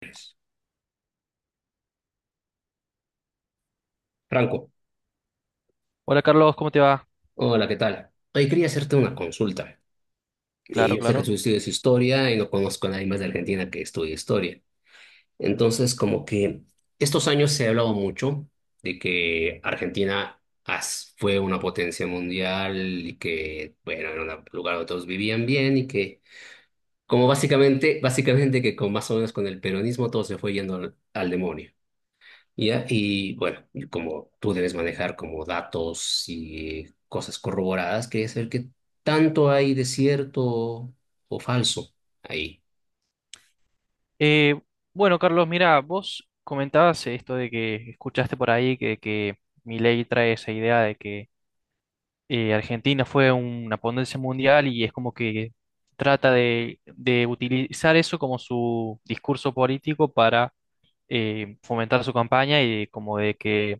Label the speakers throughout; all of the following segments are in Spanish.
Speaker 1: Pues, Franco,
Speaker 2: Hola Carlos, ¿cómo te va?
Speaker 1: hola, ¿qué tal? Hoy quería hacerte una consulta.
Speaker 2: Claro,
Speaker 1: Yo sé que
Speaker 2: claro.
Speaker 1: tú estudias historia y no conozco a nadie más de Argentina que estudie historia. Entonces, como que estos años se ha hablado mucho de que Argentina fue una potencia mundial y que, bueno, era un lugar donde todos vivían bien y que, como básicamente que con más o menos con el peronismo todo se fue yendo al demonio. Ya, y bueno, y como tú debes manejar como datos y cosas corroboradas, quería saber qué tanto hay de cierto o falso ahí.
Speaker 2: Eh, bueno, Carlos, mira, vos comentabas esto de que escuchaste por ahí que Milei trae esa idea de que Argentina fue una potencia mundial y es como que trata de utilizar eso como su discurso político para fomentar su campaña y como de que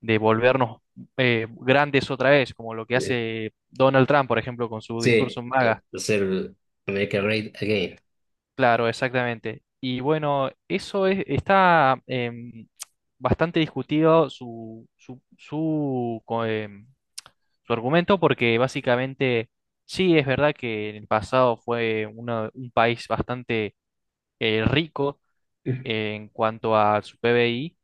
Speaker 2: de volvernos grandes otra vez, como lo que
Speaker 1: Eh,
Speaker 2: hace Donald Trump, por ejemplo, con su discurso
Speaker 1: Sí,
Speaker 2: MAGA.
Speaker 1: hacer Make a Great Again.
Speaker 2: Claro, exactamente. Y bueno, eso es, está bastante discutido su argumento, porque básicamente sí es verdad que en el pasado fue un país bastante rico en cuanto a su PBI,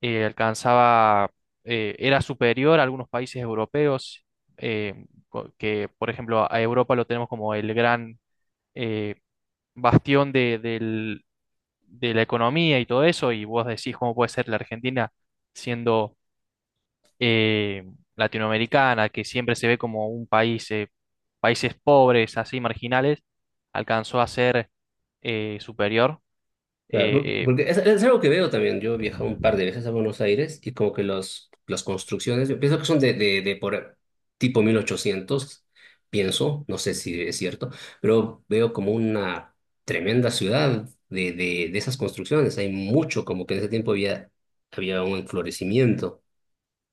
Speaker 2: alcanzaba, era superior a algunos países europeos. Que por ejemplo a Europa lo tenemos como el gran... eh, bastión de la economía y todo eso, y vos decís cómo puede ser la Argentina siendo eh, latinoamericana, que siempre se ve como un país, países pobres, así marginales, alcanzó a ser superior.
Speaker 1: Claro,
Speaker 2: Eh, eh,
Speaker 1: porque es algo que veo también. Yo he viajado un par de veces a Buenos Aires y como que las construcciones, yo pienso que son de por tipo 1800 pienso, no sé si es cierto, pero veo como una tremenda ciudad de esas construcciones. Hay mucho, como que en ese tiempo había un enflorecimiento.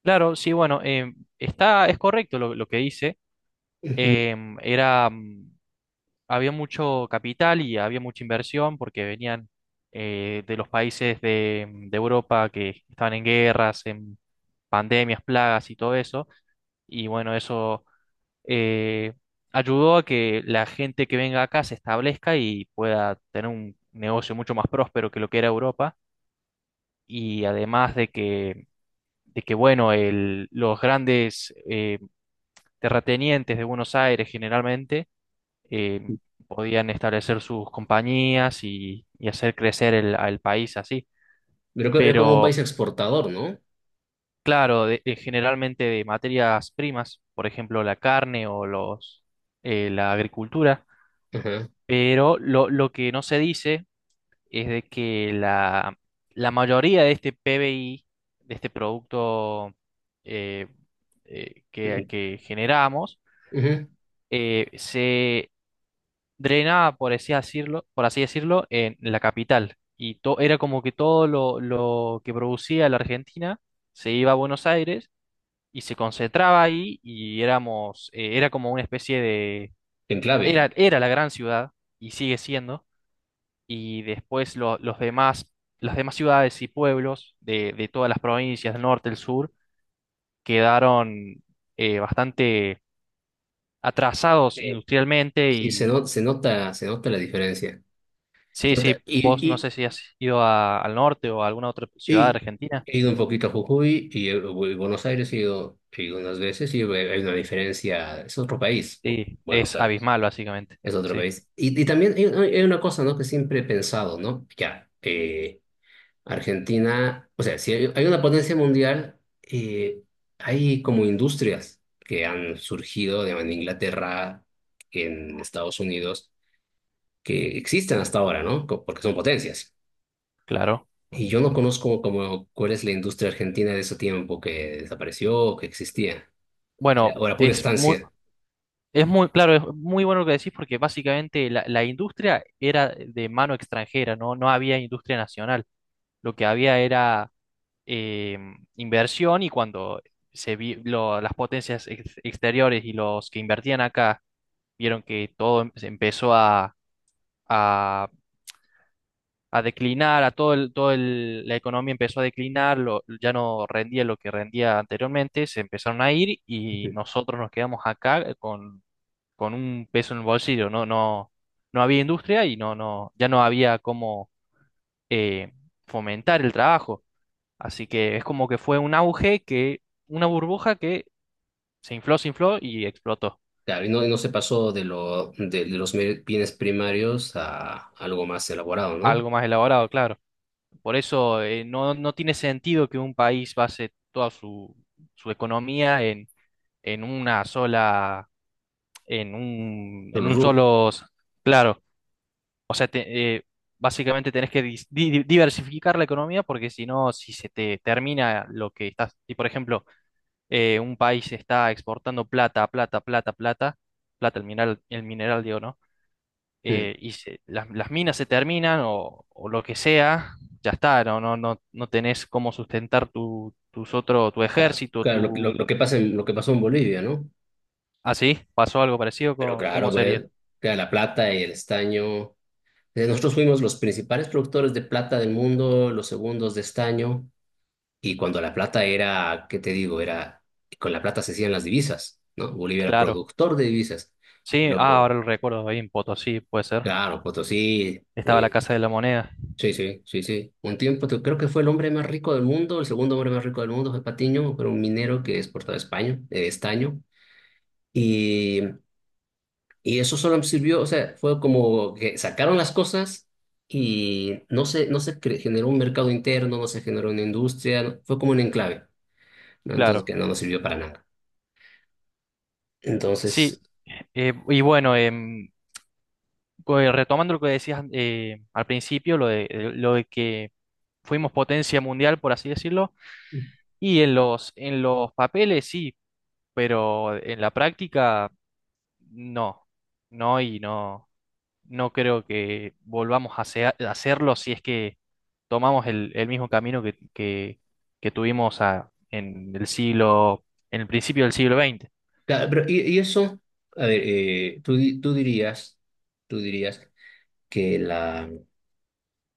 Speaker 2: claro, sí, bueno, es correcto lo que dice.
Speaker 1: Ujú.
Speaker 2: Em, era, mm, Había mucho capital y había mucha inversión porque venían de los países de Europa que estaban en guerras, en pandemias, plagas y todo eso. Y bueno, eso eh, ayudó a que la gente que venga acá se establezca y pueda tener un negocio mucho más próspero que lo que era Europa. Y además de que bueno, los grandes terratenientes de Buenos Aires generalmente eh, podían establecer sus compañías y hacer crecer al país así.
Speaker 1: Pero que era como un país
Speaker 2: Pero
Speaker 1: exportador, ¿no?
Speaker 2: claro, generalmente de materias primas, por ejemplo, la carne o la agricultura.
Speaker 1: Ajá.
Speaker 2: Pero lo que no se dice es de que la mayoría de este PBI, de este producto eh, que generamos,
Speaker 1: Ujú.
Speaker 2: se drenaba, por así decirlo, en la capital. Y era como que todo lo que producía la Argentina se iba a Buenos Aires y se concentraba ahí, y era como una especie de,
Speaker 1: Enclave.
Speaker 2: era la gran ciudad, y sigue siendo. Y después las demás ciudades y pueblos de todas las provincias del norte, el sur, quedaron bastante atrasados
Speaker 1: Eh,
Speaker 2: industrialmente
Speaker 1: Sí, se,
Speaker 2: y.
Speaker 1: no- se nota la diferencia.
Speaker 2: Sí,
Speaker 1: Se
Speaker 2: sí,
Speaker 1: nota-
Speaker 2: vos no
Speaker 1: Y,
Speaker 2: sé si has ido al norte o a alguna otra ciudad de
Speaker 1: Y
Speaker 2: Argentina.
Speaker 1: he ido un poquito a Jujuy y voy a Buenos Aires he ido unas veces y hay una diferencia, es otro país,
Speaker 2: Sí,
Speaker 1: Buenos
Speaker 2: es
Speaker 1: Aires,
Speaker 2: abismal básicamente,
Speaker 1: es otro
Speaker 2: sí,
Speaker 1: país. Y también hay una cosa, ¿no? Que siempre he pensado, ¿no? Ya, Argentina, o sea, si hay una potencia mundial, eh, hay como industrias que han surgido digamos, en Inglaterra, en Estados Unidos, que existen hasta ahora, ¿no? Porque son potencias.
Speaker 2: claro.
Speaker 1: Y yo no conozco como cuál es la industria argentina de ese tiempo que desapareció o que existía. Era, o
Speaker 2: Bueno,
Speaker 1: era pura
Speaker 2: es muy...
Speaker 1: estancia.
Speaker 2: Es muy, claro, es muy bueno lo que decís, porque básicamente la industria era de mano extranjera, ¿no? No había industria nacional. Lo que había era eh, inversión, y cuando las potencias exteriores y los que invertían acá vieron que todo se empezó a- a declinar, a la economía empezó a declinar, ya no rendía lo que rendía anteriormente, se empezaron a ir y
Speaker 1: Ujú.
Speaker 2: nosotros nos quedamos acá con un peso en el bolsillo. No, no, no había industria, y no, no, ya no había cómo eh, fomentar el trabajo. Así que es como que fue un auge que, una burbuja que se infló y explotó.
Speaker 1: Claro, y no se pasó de los bienes primarios a algo más elaborado, ¿no?
Speaker 2: Algo más elaborado, claro. Por eso no, no tiene sentido que un país base toda su economía en una sola, en un, en
Speaker 1: Solo
Speaker 2: un
Speaker 1: rubro.
Speaker 2: solo, claro. O sea, básicamente tenés que diversificar la economía, porque si no, si se te termina lo que estás, y por ejemplo, un país está exportando plata, plata, plata, plata, plata, el mineral, digo, ¿no?
Speaker 1: Mm,
Speaker 2: Y las minas se terminan o lo que sea, ya está, no, no, no, no tenés cómo sustentar tu
Speaker 1: claro,
Speaker 2: ejército, tu...
Speaker 1: lo que pasa en, lo que pasó en Bolivia, ¿no?
Speaker 2: Así. ¿Pasó algo parecido?
Speaker 1: Pero
Speaker 2: ¿Cómo,
Speaker 1: claro,
Speaker 2: cómo sería?
Speaker 1: pues, queda la plata y el estaño. Nosotros fuimos los principales productores de plata del mundo, los segundos de estaño. Y cuando la plata era, ¿qué te digo? Era, con la plata se hacían las divisas, ¿no? Bolivia era
Speaker 2: Claro.
Speaker 1: productor de divisas.
Speaker 2: Sí, ah,
Speaker 1: Pero,
Speaker 2: ahora lo recuerdo, ahí en Potosí, puede ser.
Speaker 1: claro, Potosí,
Speaker 2: Estaba la Casa de la Moneda.
Speaker 1: sí, sí, sí, sí. Un tiempo, creo que fue el hombre más rico del mundo, el segundo hombre más rico del mundo fue Patiño, pero un minero que exportaba España, estaño. Y, y eso solo sirvió, o sea, fue como que sacaron las cosas y no se cre- generó un mercado interno, no se generó una industria, fue como un enclave, ¿no? Entonces,
Speaker 2: Claro.
Speaker 1: que no nos sirvió para nada.
Speaker 2: Sí.
Speaker 1: Entonces,
Speaker 2: Y bueno, pues, retomando lo que decías al principio, lo de que fuimos potencia mundial, por así decirlo, y en los papeles sí, pero en la práctica no, no y no, no creo que volvamos a hacerlo, si es que tomamos el mismo camino que tuvimos en el en el principio del siglo veinte.
Speaker 1: claro, pero y eso, a ver, tú dirías que la,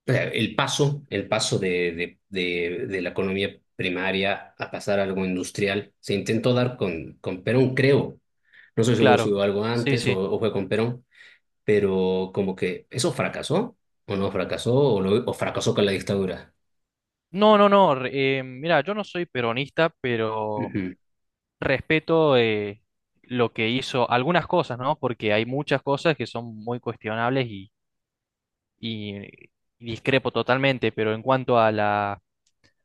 Speaker 1: o sea, el paso de la economía primaria a pasar a algo industrial, se intentó dar con Perón, creo. No soy seguro si
Speaker 2: Claro,
Speaker 1: hubo algo
Speaker 2: sí,
Speaker 1: antes
Speaker 2: sí.
Speaker 1: o fue con Perón, pero como que eso fracasó, o no fracasó, o fracasó con la dictadura.
Speaker 2: No, no, no. Mira, yo no soy peronista, pero
Speaker 1: Ujú.
Speaker 2: respeto lo que hizo algunas cosas, ¿no? Porque hay muchas cosas que son muy cuestionables y- eh, y discrepo totalmente, pero en cuanto a la,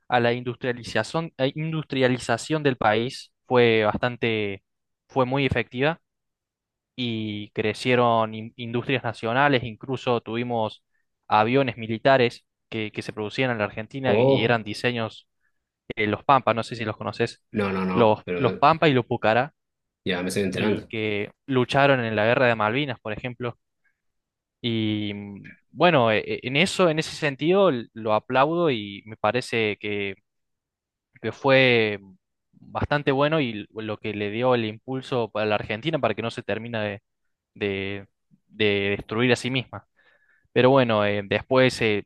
Speaker 2: a la industrialización, eh, industrialización del país, fue fue muy efectiva, y crecieron industrias nacionales, incluso tuvimos aviones militares que se producían en la Argentina, y
Speaker 1: Oh,
Speaker 2: eran diseños los Pampa, no sé si los conoces,
Speaker 1: no, no, no,
Speaker 2: los
Speaker 1: pero
Speaker 2: Pampa y los Pucará,
Speaker 1: ya me estoy
Speaker 2: y
Speaker 1: enterando.
Speaker 2: que lucharon en la guerra de Malvinas, por ejemplo. Y bueno, en eso, en ese sentido, lo aplaudo, y me parece que fue bastante bueno, y lo que le dio el impulso a la Argentina para que no se termine de- de destruir a sí misma. Pero bueno, después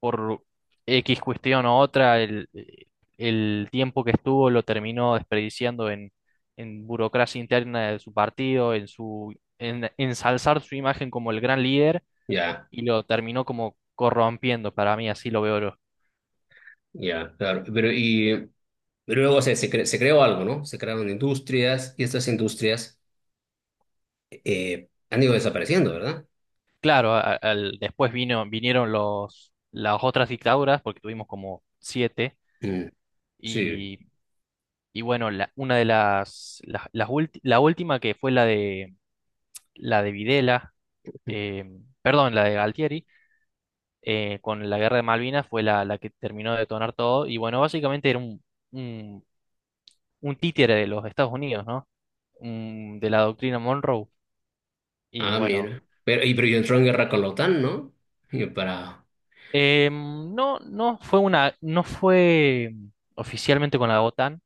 Speaker 2: por X cuestión o otra, el tiempo que estuvo lo terminó desperdiciando en burocracia interna de su partido, en en ensalzar su imagen como el gran líder,
Speaker 1: Ya,
Speaker 2: y lo terminó como corrompiendo, para mí así lo veo yo.
Speaker 1: ya, claro. Pero y. Luego se creó algo, ¿no? Se crearon industrias y estas industrias han ido desapareciendo, ¿verdad?
Speaker 2: Claro, después vinieron las otras dictaduras, porque tuvimos como siete,
Speaker 1: Mm, sí.
Speaker 2: y, y bueno, una de la última que fue la de, Videla, eh, perdón, la de Galtieri, con la guerra de Malvinas fue la que terminó de detonar todo. Y bueno, básicamente era un, un, un títere de los Estados Unidos, ¿no? De la doctrina Monroe. Y
Speaker 1: Ah,
Speaker 2: bueno,
Speaker 1: mira. Pero, y, pero yo entró en guerra con la OTAN, ¿no? Y para,
Speaker 2: no, no fue una, no fue oficialmente con la OTAN,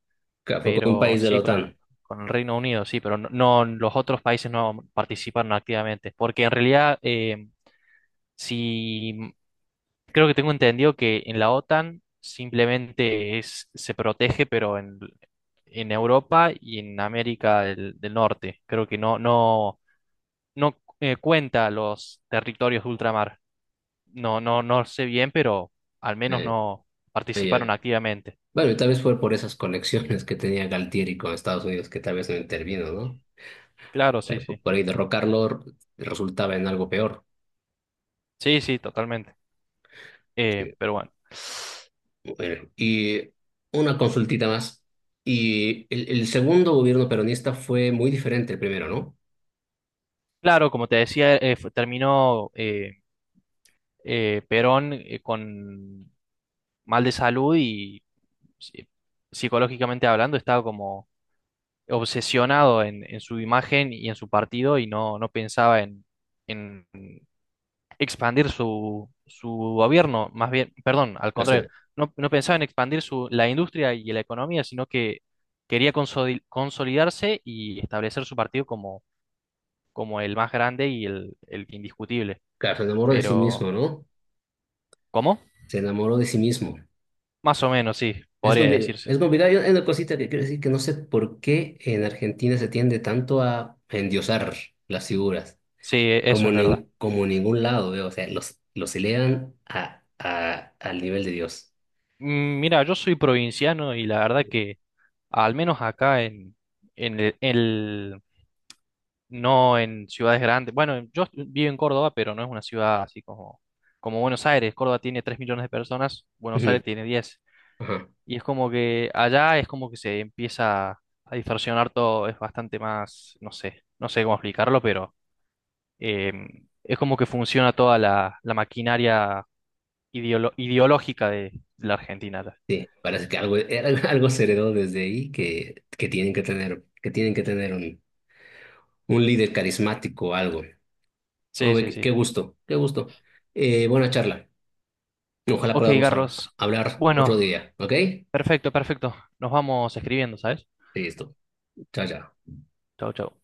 Speaker 1: fue con un
Speaker 2: pero
Speaker 1: país de la
Speaker 2: sí con el,
Speaker 1: OTAN.
Speaker 2: con el Reino Unido, sí, pero no, los otros países no participaron activamente, porque en realidad, em, si creo que tengo entendido que en la OTAN simplemente se protege, pero en Europa y en América del Norte. Creo que no, no cuenta los territorios de ultramar. No, no, no sé bien, pero al menos
Speaker 1: Eh,
Speaker 2: no
Speaker 1: ah,
Speaker 2: participaron
Speaker 1: ya.
Speaker 2: activamente.
Speaker 1: Bueno, y tal vez fue por esas conexiones que tenía Galtieri con Estados Unidos que tal vez no intervino, ¿no?
Speaker 2: Claro, sí, sí.
Speaker 1: Por ahí derrocarlo resultaba en algo peor.
Speaker 2: Sí, sí, totalmente. Eh,
Speaker 1: Sí.
Speaker 2: pero bueno.
Speaker 1: Bueno, y una consultita más. Y el segundo gobierno peronista fue muy diferente al primero, ¿no?
Speaker 2: Claro, como te decía, terminó. Perón, con mal de salud y psi- psicológicamente hablando, estaba como obsesionado en su imagen y en su partido, y no, no pensaba en expandir su, su gobierno, más bien, perdón, al
Speaker 1: O
Speaker 2: contrario,
Speaker 1: sea,
Speaker 2: no pensaba en expandir la industria y la economía, sino que quería consolidarse y establecer su partido como el más grande y el indiscutible.
Speaker 1: claro, se enamoró de sí mismo,
Speaker 2: Pero,
Speaker 1: ¿no?
Speaker 2: ¿cómo?
Speaker 1: Se enamoró de sí mismo.
Speaker 2: Más o menos, sí,
Speaker 1: Es
Speaker 2: podría
Speaker 1: complicado.
Speaker 2: decirse.
Speaker 1: Es complicado. Hay una cosita que quiero decir que no sé por qué en Argentina se tiende tanto a endiosar las figuras,
Speaker 2: Sí, eso
Speaker 1: como
Speaker 2: es verdad.
Speaker 1: en, como en ningún lado, veo. O sea, los elevan al nivel de Dios.
Speaker 2: Mira, yo soy provinciano, y la verdad que, al menos acá en el, no en ciudades grandes. Bueno, yo vivo en Córdoba, pero no es una ciudad así como Buenos Aires. Córdoba tiene 3 millones de personas, Buenos
Speaker 1: Ujú,
Speaker 2: Aires tiene 10.
Speaker 1: ajá.
Speaker 2: Y es como que allá es como que se empieza a distorsionar todo, es bastante más, no sé, no sé cómo explicarlo, pero em, es como que funciona toda la maquinaria ideológica de la Argentina.
Speaker 1: Sí, parece que algo, era algo se heredó desde ahí que tienen que tener, que tienen que tener un líder carismático o algo.
Speaker 2: Sí,
Speaker 1: Hombre,
Speaker 2: sí,
Speaker 1: qué, qué
Speaker 2: sí.
Speaker 1: gusto, qué gusto. Buena charla. Ojalá
Speaker 2: Ok,
Speaker 1: podamos
Speaker 2: Carlos.
Speaker 1: hablar otro
Speaker 2: Bueno,
Speaker 1: día, ¿ok?
Speaker 2: perfecto, perfecto. Nos vamos escribiendo, ¿sabes?
Speaker 1: Listo. Chao, chao.
Speaker 2: Chau, chau.